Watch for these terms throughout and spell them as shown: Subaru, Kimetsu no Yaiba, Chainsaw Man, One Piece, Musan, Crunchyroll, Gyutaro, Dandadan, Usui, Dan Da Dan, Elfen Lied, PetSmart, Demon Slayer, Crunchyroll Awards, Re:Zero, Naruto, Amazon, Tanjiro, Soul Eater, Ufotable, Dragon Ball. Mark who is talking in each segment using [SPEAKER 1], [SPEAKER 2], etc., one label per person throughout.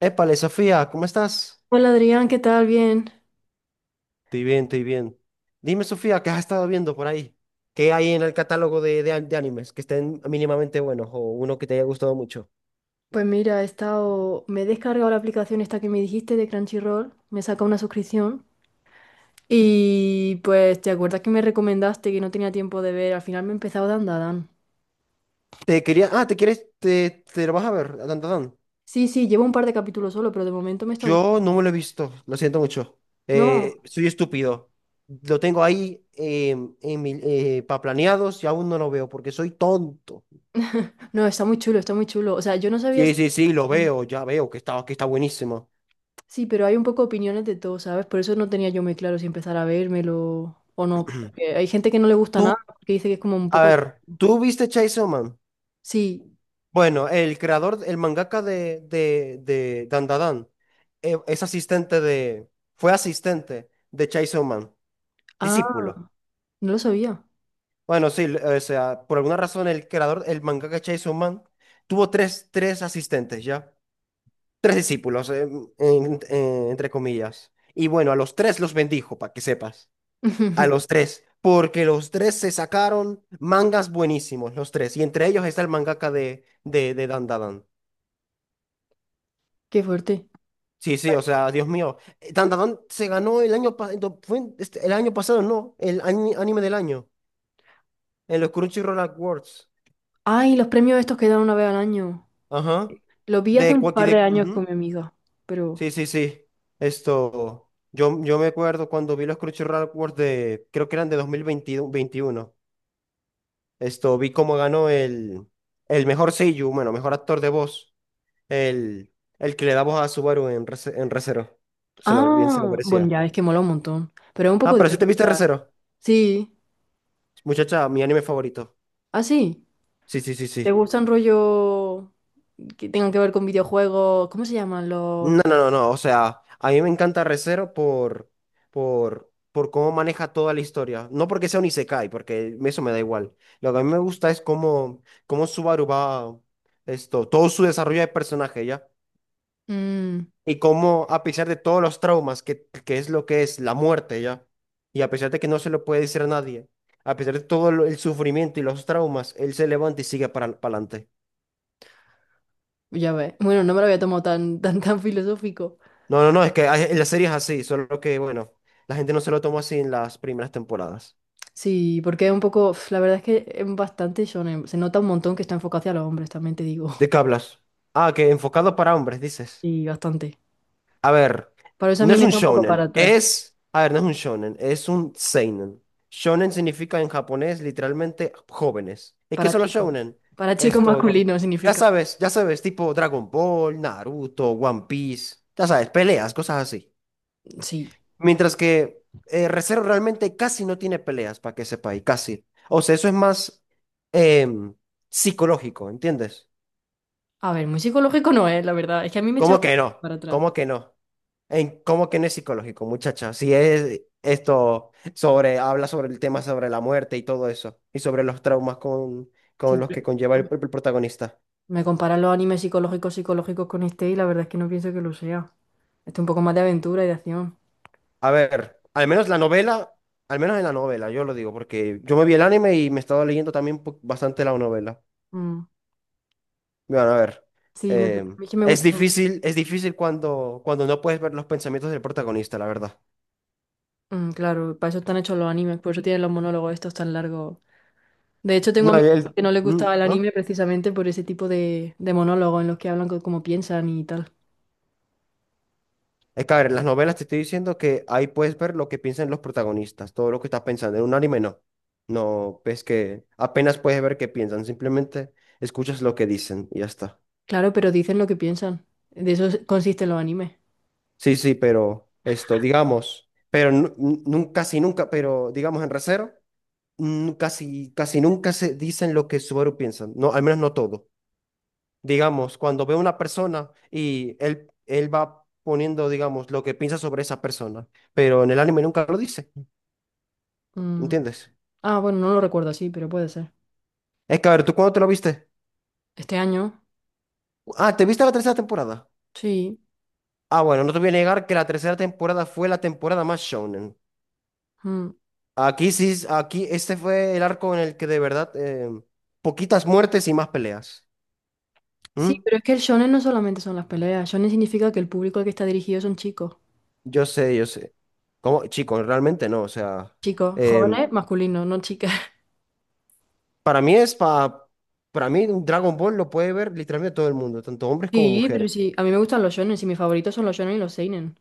[SPEAKER 1] Épale, Sofía, ¿cómo estás?
[SPEAKER 2] Hola Adrián, ¿qué tal? Bien.
[SPEAKER 1] Estoy bien, estoy bien. Dime, Sofía, ¿qué has estado viendo por ahí? ¿Qué hay en el catálogo de animes que estén mínimamente buenos o uno que te haya gustado mucho?
[SPEAKER 2] Pues mira, he estado, me he descargado la aplicación esta que me dijiste de Crunchyroll, me saca una suscripción y pues te acuerdas que me recomendaste que no tenía tiempo de ver, al final me he empezado Dan Da Dan.
[SPEAKER 1] Te quería... Ah, ¿te quieres? Te lo vas a ver, dan. Dan, Dan.
[SPEAKER 2] Sí, sí, llevo un par de capítulos solo, pero de momento me está
[SPEAKER 1] Yo no
[SPEAKER 2] gustando.
[SPEAKER 1] me lo he visto, lo siento mucho.
[SPEAKER 2] No,
[SPEAKER 1] Soy estúpido. Lo tengo ahí pa' planeados y aún no lo veo porque soy tonto.
[SPEAKER 2] no, está muy chulo, está muy chulo. O sea, yo no sabía
[SPEAKER 1] Sí,
[SPEAKER 2] si.
[SPEAKER 1] sí, sí, lo veo, ya veo que está buenísimo.
[SPEAKER 2] Sí, pero hay un poco opiniones de todo, ¿sabes? Por eso no tenía yo muy claro si empezar a vérmelo o no. Porque hay gente que no le gusta nada,
[SPEAKER 1] Tú,
[SPEAKER 2] que dice que es como un
[SPEAKER 1] a
[SPEAKER 2] poco.
[SPEAKER 1] ver, ¿tú viste Chainsaw Man?
[SPEAKER 2] Sí,
[SPEAKER 1] Bueno, el creador, el mangaka de Dandadan, es asistente de, fue asistente de Chainsaw Man,
[SPEAKER 2] ah,
[SPEAKER 1] discípulo.
[SPEAKER 2] no lo sabía.
[SPEAKER 1] Bueno, sí, l- o sea, por alguna razón el creador, el mangaka de Chainsaw Man, tuvo tres asistentes, ¿ya? Tres discípulos, entre comillas. Y bueno, a los tres los bendijo, para que sepas. A los tres, porque los tres se sacaron mangas buenísimos, los tres. Y entre ellos está el mangaka de Dandadan.
[SPEAKER 2] Qué fuerte.
[SPEAKER 1] Sí, sí, o sea, Dios mío. Dandadan se ganó el año pasado, fue este, el año pasado, no, el anime del año, en los Crunchyroll Awards.
[SPEAKER 2] Ay, los premios estos que dan una vez al año.
[SPEAKER 1] Ajá.
[SPEAKER 2] Los vi hace
[SPEAKER 1] De
[SPEAKER 2] un
[SPEAKER 1] Quacky
[SPEAKER 2] par de
[SPEAKER 1] de.
[SPEAKER 2] años con
[SPEAKER 1] Ujú.
[SPEAKER 2] mi amiga, pero.
[SPEAKER 1] Sí, sí, sí. Esto. Yo me acuerdo cuando vi los Crunchyroll Awards de. Creo que eran de 2021. Esto. Vi cómo ganó el. El mejor seiyuu, bueno, mejor actor de voz. El, el que le da voz a Subaru en, en Re:Zero. Se lo, bien se lo
[SPEAKER 2] Ah, bueno,
[SPEAKER 1] merecía.
[SPEAKER 2] ya es que mola un montón, pero es un poco
[SPEAKER 1] Ah, pero si te
[SPEAKER 2] difícil.
[SPEAKER 1] viste
[SPEAKER 2] Dar.
[SPEAKER 1] Re:Zero.
[SPEAKER 2] Sí,
[SPEAKER 1] Muchacha, mi anime favorito.
[SPEAKER 2] ah, sí.
[SPEAKER 1] Sí, sí, sí,
[SPEAKER 2] ¿Te
[SPEAKER 1] sí.
[SPEAKER 2] gustan rollo que tengan que ver con videojuegos? ¿Cómo se llaman los?
[SPEAKER 1] No, no, no, no. O sea, a mí me encanta Re:Zero por cómo maneja toda la historia. No porque sea un isekai, porque eso me da igual. Lo que a mí me gusta es cómo, cómo Subaru va, esto, todo su desarrollo de personaje, ¿ya?
[SPEAKER 2] Mm,
[SPEAKER 1] Y cómo, a pesar de todos los traumas, que es lo que es la muerte, ¿ya? Y a pesar de que no se lo puede decir a nadie, a pesar de todo el sufrimiento y los traumas, él se levanta y sigue para adelante.
[SPEAKER 2] ya ves. Bueno, no me lo había tomado tan, tan, tan filosófico.
[SPEAKER 1] No, no, no, es que la serie es así, solo que, bueno, la gente no se lo tomó así en las primeras temporadas.
[SPEAKER 2] Sí, porque es un poco, uf, la verdad es que es bastante shonen. Se nota un montón que está enfocado hacia los hombres, también te digo.
[SPEAKER 1] ¿De qué hablas? Ah, que enfocado para hombres, dices.
[SPEAKER 2] Y bastante.
[SPEAKER 1] A ver,
[SPEAKER 2] Por eso a
[SPEAKER 1] no
[SPEAKER 2] mí
[SPEAKER 1] es
[SPEAKER 2] me
[SPEAKER 1] un
[SPEAKER 2] está un poco para
[SPEAKER 1] shonen,
[SPEAKER 2] atrás.
[SPEAKER 1] es... A ver, no es un shonen, es un seinen. Shonen significa en japonés literalmente jóvenes. ¿Y qué
[SPEAKER 2] Para
[SPEAKER 1] son los
[SPEAKER 2] chico.
[SPEAKER 1] shonen?
[SPEAKER 2] Para chico
[SPEAKER 1] Esto,
[SPEAKER 2] masculino significa.
[SPEAKER 1] ya sabes, tipo Dragon Ball, Naruto, One Piece, ya sabes, peleas, cosas así.
[SPEAKER 2] Sí.
[SPEAKER 1] Mientras que Re:Zero realmente casi no tiene peleas, para que sepa, y casi. O sea, eso es más em, psicológico, ¿entiendes?
[SPEAKER 2] A ver, muy psicológico no es, la verdad. Es que a mí me echaba
[SPEAKER 1] ¿Cómo que no?
[SPEAKER 2] para atrás.
[SPEAKER 1] ¿Cómo que no? En, ¿cómo que no es psicológico, muchacha? Si es esto sobre, habla sobre el tema sobre la muerte y todo eso, y sobre los traumas con los que
[SPEAKER 2] Siempre
[SPEAKER 1] conlleva el protagonista.
[SPEAKER 2] me comparan los animes psicológicos psicológicos con este y la verdad es que no pienso que lo sea. Este es un poco más de aventura y de acción.
[SPEAKER 1] A ver, al menos la novela, al menos en la novela, yo lo digo, porque yo me vi el anime y me he estado leyendo también bastante la novela.
[SPEAKER 2] Mm.
[SPEAKER 1] Bueno, a ver.
[SPEAKER 2] Sí, no sé. A mí es que me
[SPEAKER 1] Es
[SPEAKER 2] gusta.
[SPEAKER 1] difícil, es difícil cuando, cuando no puedes ver los pensamientos del protagonista, la verdad.
[SPEAKER 2] Mm, claro, para eso están hechos los animes, por eso tienen los monólogos estos tan largos. De hecho, tengo
[SPEAKER 1] No, y
[SPEAKER 2] amigos
[SPEAKER 1] él.
[SPEAKER 2] que no les gustaba el
[SPEAKER 1] ¿No?
[SPEAKER 2] anime precisamente por ese tipo de monólogos en los que hablan como piensan y tal.
[SPEAKER 1] Es que, a ver, en las novelas te estoy diciendo que ahí puedes ver lo que piensan los protagonistas, todo lo que estás pensando. En un anime no. No, ves que apenas puedes ver qué piensan, simplemente escuchas lo que dicen y ya está.
[SPEAKER 2] Claro, pero dicen lo que piensan. De eso consisten los animes.
[SPEAKER 1] Sí, sí, pero esto, digamos, pero casi nunca, pero digamos en Re:Zero, casi, casi nunca se dicen lo que Subaru piensa. No, al menos no todo. Digamos, cuando veo una persona y él va poniendo, digamos, lo que piensa sobre esa persona, pero en el anime nunca lo dice,
[SPEAKER 2] Mm.
[SPEAKER 1] ¿entiendes?
[SPEAKER 2] Ah, bueno, no lo recuerdo así, pero puede ser.
[SPEAKER 1] Es que, a ver, ¿tú cuándo te lo viste?
[SPEAKER 2] Este año,
[SPEAKER 1] Ah, ¿te viste la tercera temporada?
[SPEAKER 2] sí.
[SPEAKER 1] Ah, bueno, no te voy a negar que la tercera temporada fue la temporada más shonen.
[SPEAKER 2] Mm.
[SPEAKER 1] Aquí sí, aquí este fue el arco en el que de verdad, poquitas muertes y más peleas.
[SPEAKER 2] Sí,
[SPEAKER 1] ¿Mm?
[SPEAKER 2] pero es que el shonen no solamente son las peleas. Shonen significa que el público al que está dirigido son chicos.
[SPEAKER 1] Yo sé, yo sé. ¿Cómo? Chicos, realmente no, o sea...
[SPEAKER 2] Chicos,
[SPEAKER 1] em,
[SPEAKER 2] jóvenes, masculinos, no chicas.
[SPEAKER 1] Para mí es para mí un Dragon Ball lo puede ver literalmente todo el mundo, tanto hombres como
[SPEAKER 2] Sí, pero
[SPEAKER 1] mujeres.
[SPEAKER 2] sí. A mí me gustan los shonen y mis favoritos son los shonen y los seinen.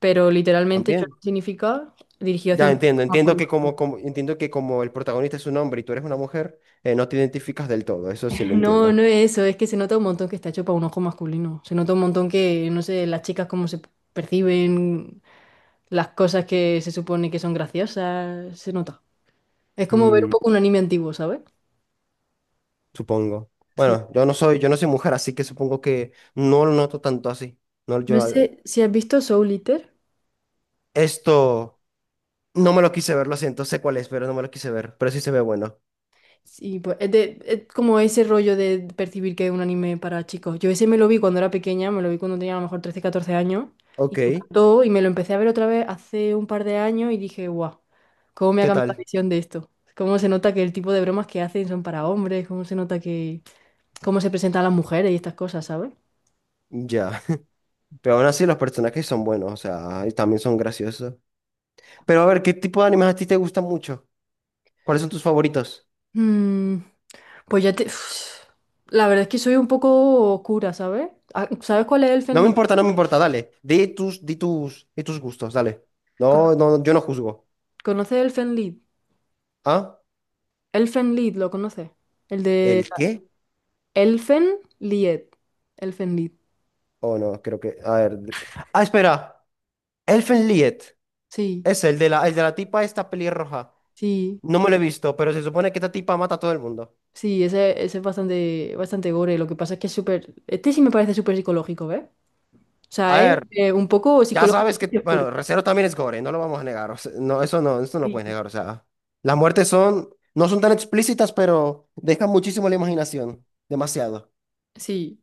[SPEAKER 2] Pero literalmente shonen
[SPEAKER 1] También.
[SPEAKER 2] significa dirigido hacia
[SPEAKER 1] Ya
[SPEAKER 2] un
[SPEAKER 1] entiendo,
[SPEAKER 2] público
[SPEAKER 1] entiendo que
[SPEAKER 2] masculino.
[SPEAKER 1] como, como entiendo que como el protagonista es un hombre y tú eres una mujer, no te identificas del todo, eso sí lo
[SPEAKER 2] No, no
[SPEAKER 1] entiendo.
[SPEAKER 2] es eso. Es que se nota un montón que está hecho para un ojo masculino. Se nota un montón que, no sé, las chicas cómo se perciben, las cosas que se supone que son graciosas. Se nota. Es como ver un
[SPEAKER 1] Mm,
[SPEAKER 2] poco un anime antiguo, ¿sabes?
[SPEAKER 1] supongo.
[SPEAKER 2] Sí.
[SPEAKER 1] Bueno, yo no soy mujer, así que supongo que no lo noto tanto así. No,
[SPEAKER 2] No
[SPEAKER 1] yo
[SPEAKER 2] sé si has visto Soul Eater.
[SPEAKER 1] esto no me lo quise ver, lo siento, sé cuál es, pero no me lo quise ver, pero sí se ve bueno.
[SPEAKER 2] Sí, pues es, es como ese rollo de percibir que es un anime para chicos. Yo ese me lo vi cuando era pequeña, me lo vi cuando tenía a lo mejor 13, 14 años y
[SPEAKER 1] Ok,
[SPEAKER 2] me encantó y me lo empecé a ver otra vez hace un par de años y dije, guau, ¿cómo me ha
[SPEAKER 1] ¿qué
[SPEAKER 2] cambiado la
[SPEAKER 1] tal?
[SPEAKER 2] visión de esto? ¿Cómo se nota que el tipo de bromas que hacen son para hombres? ¿Cómo se nota que cómo se presentan las mujeres y estas cosas? ¿Sabes?
[SPEAKER 1] Ya. Pero aún así los personajes son buenos, o sea, y también son graciosos. Pero a ver, ¿qué tipo de animes a ti te gustan mucho? ¿Cuáles son tus favoritos?
[SPEAKER 2] Mm, pues ya te, uf, la verdad es que soy un poco oscura, ¿sabes? Ah, ¿sabes cuál es
[SPEAKER 1] No
[SPEAKER 2] Elfen
[SPEAKER 1] me
[SPEAKER 2] Lied?
[SPEAKER 1] importa, no me importa, dale. Di tus, di tus, di tus gustos, dale.
[SPEAKER 2] ¿Con-
[SPEAKER 1] No, no, yo no juzgo.
[SPEAKER 2] ¿Conoces Elfen Lied?
[SPEAKER 1] ¿Ah?
[SPEAKER 2] Elfen Lied, ¿lo conoces? El de
[SPEAKER 1] ¿El qué?
[SPEAKER 2] Elfen Lied. Elfen Lied.
[SPEAKER 1] Oh, no, creo que. A ver. Ah, espera. Elfen Lied.
[SPEAKER 2] Sí,
[SPEAKER 1] Es el de la tipa esta pelirroja.
[SPEAKER 2] sí,
[SPEAKER 1] No me lo he visto, pero se supone que esta tipa mata a todo el mundo.
[SPEAKER 2] sí, ese es bastante, bastante gore. Lo que pasa es que es súper. Este sí me parece súper psicológico, ¿ves? O sea,
[SPEAKER 1] A
[SPEAKER 2] es
[SPEAKER 1] ver.
[SPEAKER 2] un poco
[SPEAKER 1] Ya
[SPEAKER 2] psicológico
[SPEAKER 1] sabes
[SPEAKER 2] y
[SPEAKER 1] que,
[SPEAKER 2] oscuro.
[SPEAKER 1] bueno, Recero también es gore, no lo vamos a negar. O sea, no, eso no, eso no lo puedes
[SPEAKER 2] Sí,
[SPEAKER 1] negar. O sea, las muertes son, no son tan explícitas, pero dejan muchísimo la imaginación. Demasiado.
[SPEAKER 2] sí,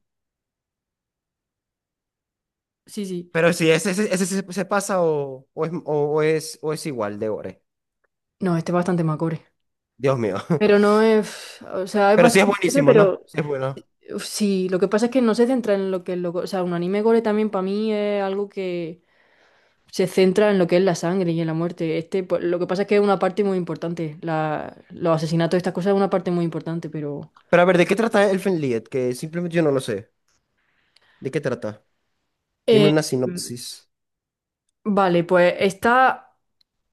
[SPEAKER 2] sí, sí.
[SPEAKER 1] Pero sí, ese se, se pasa o es igual de gore.
[SPEAKER 2] No, este es bastante más gore.
[SPEAKER 1] Dios mío.
[SPEAKER 2] Pero no es, o sea, es
[SPEAKER 1] Pero sí es
[SPEAKER 2] bastante gore.
[SPEAKER 1] buenísimo, ¿no?
[SPEAKER 2] Pero
[SPEAKER 1] Sí es bueno.
[SPEAKER 2] uf, sí, lo que pasa es que no se centra en lo que es lo. O sea, un anime gore también para mí es algo que se centra en lo que es la sangre y en la muerte. Este, pues, lo que pasa es que es una parte muy importante. Los asesinatos, estas cosas, es una parte muy importante, pero.
[SPEAKER 1] Pero a ver, ¿de qué trata Elfen Lied? Que simplemente yo no lo sé. ¿De qué trata? Dime
[SPEAKER 2] Eh,
[SPEAKER 1] una sinopsis.
[SPEAKER 2] vale, pues está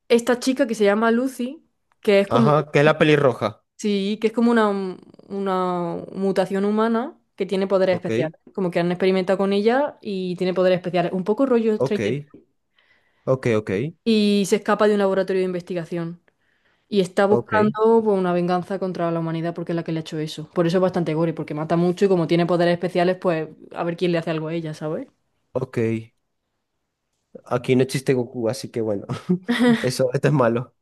[SPEAKER 2] esta chica que se llama Lucy, que es como.
[SPEAKER 1] Ajá, que es la pelirroja.
[SPEAKER 2] Sí, que es como una mutación humana que tiene poderes
[SPEAKER 1] Ok,
[SPEAKER 2] especiales. Como que han experimentado con ella y tiene poderes especiales. Un poco rollo
[SPEAKER 1] ok,
[SPEAKER 2] Stranger
[SPEAKER 1] ok, ok,
[SPEAKER 2] y se escapa de un laboratorio de investigación. Y está
[SPEAKER 1] ok,
[SPEAKER 2] buscando pues, una venganza contra la humanidad porque es la que le ha hecho eso. Por eso es bastante gore, porque mata mucho y como tiene poderes especiales, pues a ver quién le hace algo a ella, ¿sabes?
[SPEAKER 1] ok. Aquí no existe Goku, así que bueno, eso, esto es malo.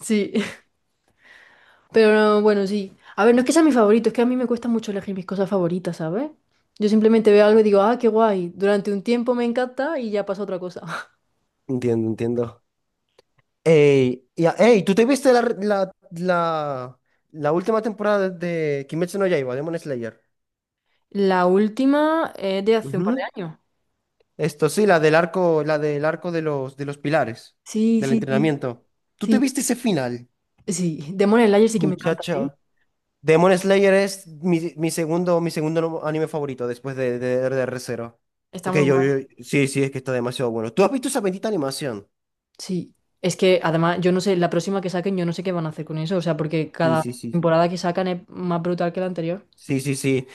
[SPEAKER 2] Sí, pero no, bueno, sí. A ver, no es que sea mi favorito, es que a mí me cuesta mucho elegir mis cosas favoritas, ¿sabes? Yo simplemente veo algo y digo, ah, qué guay. Durante un tiempo me encanta y ya pasa otra cosa.
[SPEAKER 1] Entiendo, entiendo. Ey, y ey, ¿tú te viste la última temporada de Kimetsu no Yaiba, Demon Slayer?
[SPEAKER 2] La última es de hace un par de
[SPEAKER 1] Ujú.
[SPEAKER 2] años.
[SPEAKER 1] Esto sí, la del arco de los pilares,
[SPEAKER 2] Sí,
[SPEAKER 1] del
[SPEAKER 2] sí, sí.
[SPEAKER 1] entrenamiento. ¿Tú te
[SPEAKER 2] Sí,
[SPEAKER 1] viste ese final?
[SPEAKER 2] sí. Demon Slayer sí que me encanta, ¿eh?
[SPEAKER 1] Muchacha. Demon Slayer es mi, mi segundo, anime favorito después de Re:Zero.
[SPEAKER 2] Está
[SPEAKER 1] Es
[SPEAKER 2] muy
[SPEAKER 1] que yo,
[SPEAKER 2] guay.
[SPEAKER 1] sí, sí, es que está demasiado bueno. ¿Tú has visto esa bendita animación?
[SPEAKER 2] Sí, es que además yo no sé, la próxima que saquen yo no sé qué van a hacer con eso, o sea, porque
[SPEAKER 1] Sí,
[SPEAKER 2] cada
[SPEAKER 1] sí, sí, sí.
[SPEAKER 2] temporada que sacan es más brutal que la anterior.
[SPEAKER 1] Sí, sí, sí.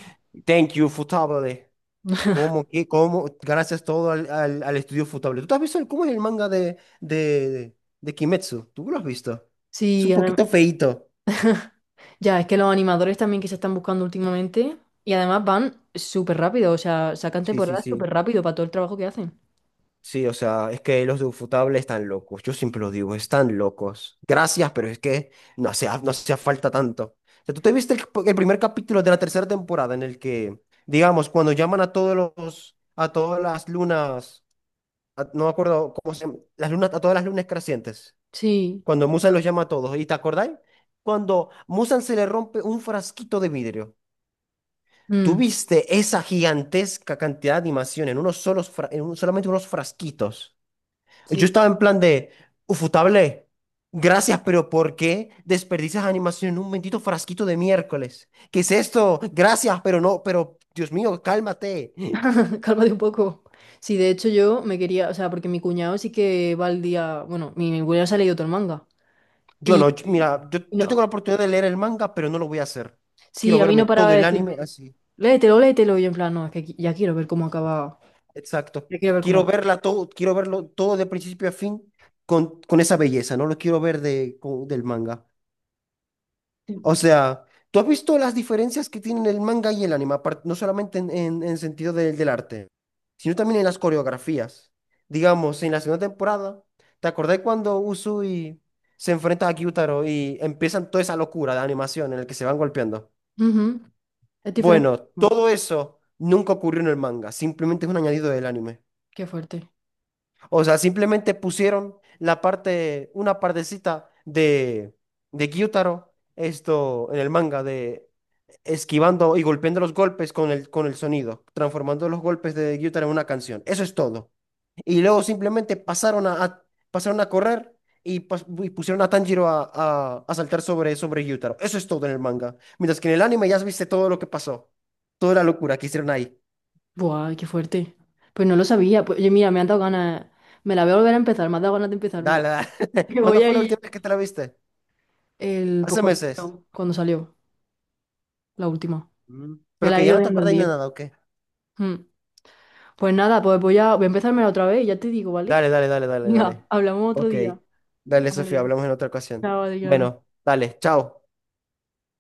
[SPEAKER 1] Thank you, Futable. ¿Cómo que, cómo? Gracias todo al estudio Futable. ¿Tú te has visto cómo es el manga de Kimetsu? ¿Tú lo has visto?
[SPEAKER 2] Sí,
[SPEAKER 1] Es un poquito feíto.
[SPEAKER 2] ya, es que los animadores también que se están buscando últimamente y además van súper rápido, o sea, sacan
[SPEAKER 1] Sí, sí,
[SPEAKER 2] temporadas súper
[SPEAKER 1] sí.
[SPEAKER 2] rápido para todo el trabajo que hacen.
[SPEAKER 1] Sí, o sea, es que los de Ufotable están locos. Yo siempre lo digo, están locos. Gracias, pero es que no hacía, no hacía falta tanto. O sea, ¿tú te viste el primer capítulo de la tercera temporada en el que, digamos, cuando llaman a todos los, a todas las lunas no me acuerdo cómo se llama, las lunas, a todas las lunas crecientes,
[SPEAKER 2] Sí,
[SPEAKER 1] cuando Musan los llama a todos. ¿Y te acordáis? Cuando Musan se le rompe un frasquito de vidrio.
[SPEAKER 2] mm,
[SPEAKER 1] Tuviste esa gigantesca cantidad de animación en unos solos, solamente unos frasquitos. Yo
[SPEAKER 2] sí,
[SPEAKER 1] estaba en plan de, ufutable, gracias, pero ¿por qué desperdicias animación en un bendito frasquito de miércoles? ¿Qué es esto? Gracias, pero no, pero Dios mío, cálmate.
[SPEAKER 2] cálmate un poco. Sí, de hecho yo me quería, o sea, porque mi cuñado sí que va al día, bueno, mi cuñado se ha leído todo el manga
[SPEAKER 1] Yo
[SPEAKER 2] y,
[SPEAKER 1] no,
[SPEAKER 2] y-
[SPEAKER 1] mira,
[SPEAKER 2] y
[SPEAKER 1] yo
[SPEAKER 2] no.
[SPEAKER 1] tengo la oportunidad de leer el manga, pero no lo voy a hacer.
[SPEAKER 2] Sí,
[SPEAKER 1] Quiero
[SPEAKER 2] a mí no
[SPEAKER 1] verme
[SPEAKER 2] paraba
[SPEAKER 1] todo
[SPEAKER 2] de
[SPEAKER 1] el
[SPEAKER 2] decirme,
[SPEAKER 1] anime así.
[SPEAKER 2] léetelo, léetelo, y yo en plan, no, es que ya quiero ver cómo acaba,
[SPEAKER 1] Exacto.
[SPEAKER 2] ya quiero ver cómo
[SPEAKER 1] Quiero
[SPEAKER 2] acaba.
[SPEAKER 1] verla todo, quiero verlo todo de principio a fin con esa belleza, no lo quiero ver de, del manga.
[SPEAKER 2] Sí.
[SPEAKER 1] O sea, ¿tú has visto las diferencias que tienen el manga y el anime? Apar- No solamente en sentido del del arte, sino también en las coreografías. Digamos, en la segunda temporada, ¿te acordás cuando Usui se enfrenta a Gyutaro y empiezan toda esa locura de animación en el que se van golpeando?
[SPEAKER 2] Ujú, es diferente.
[SPEAKER 1] Bueno,
[SPEAKER 2] Ah,
[SPEAKER 1] todo eso nunca ocurrió en el manga, simplemente es un añadido del anime.
[SPEAKER 2] qué fuerte.
[SPEAKER 1] O sea, simplemente pusieron la parte, una partecita de Gyutaro, esto en el manga, de esquivando y golpeando los golpes con el sonido, transformando los golpes de Gyutaro en una canción. Eso es todo. Y luego simplemente pasaron pasaron a correr y, y pusieron a Tanjiro a saltar sobre, sobre Gyutaro. Eso es todo en el manga. Mientras que en el anime ya viste todo lo que pasó, toda la locura que hicieron ahí.
[SPEAKER 2] Buah, qué fuerte. Pues no lo sabía. Pues, oye, mira, me han dado ganas, me la voy a volver a empezar, me ha dado ganas de empezármela.
[SPEAKER 1] Dale, dale.
[SPEAKER 2] Que voy
[SPEAKER 1] ¿Cuándo
[SPEAKER 2] a
[SPEAKER 1] fue la
[SPEAKER 2] ir
[SPEAKER 1] última vez que te la viste?
[SPEAKER 2] el, pues
[SPEAKER 1] Hace meses.
[SPEAKER 2] cuando salió, la última.
[SPEAKER 1] Mm.
[SPEAKER 2] Me
[SPEAKER 1] Pero
[SPEAKER 2] la
[SPEAKER 1] que
[SPEAKER 2] he
[SPEAKER 1] ya
[SPEAKER 2] ido
[SPEAKER 1] no te
[SPEAKER 2] viendo el
[SPEAKER 1] acuerdas ni de
[SPEAKER 2] día.
[SPEAKER 1] nada, ¿o qué?
[SPEAKER 2] Mm. Pues nada, pues voy a, empezármela otra vez y ya te digo, ¿vale?
[SPEAKER 1] Dale, dale, dale, dale,
[SPEAKER 2] Venga,
[SPEAKER 1] dale.
[SPEAKER 2] hablamos otro
[SPEAKER 1] Ok.
[SPEAKER 2] día.
[SPEAKER 1] Dale, Sofía,
[SPEAKER 2] Vale.
[SPEAKER 1] hablamos en otra ocasión.
[SPEAKER 2] Chao, Adrián.
[SPEAKER 1] Bueno, dale, chao.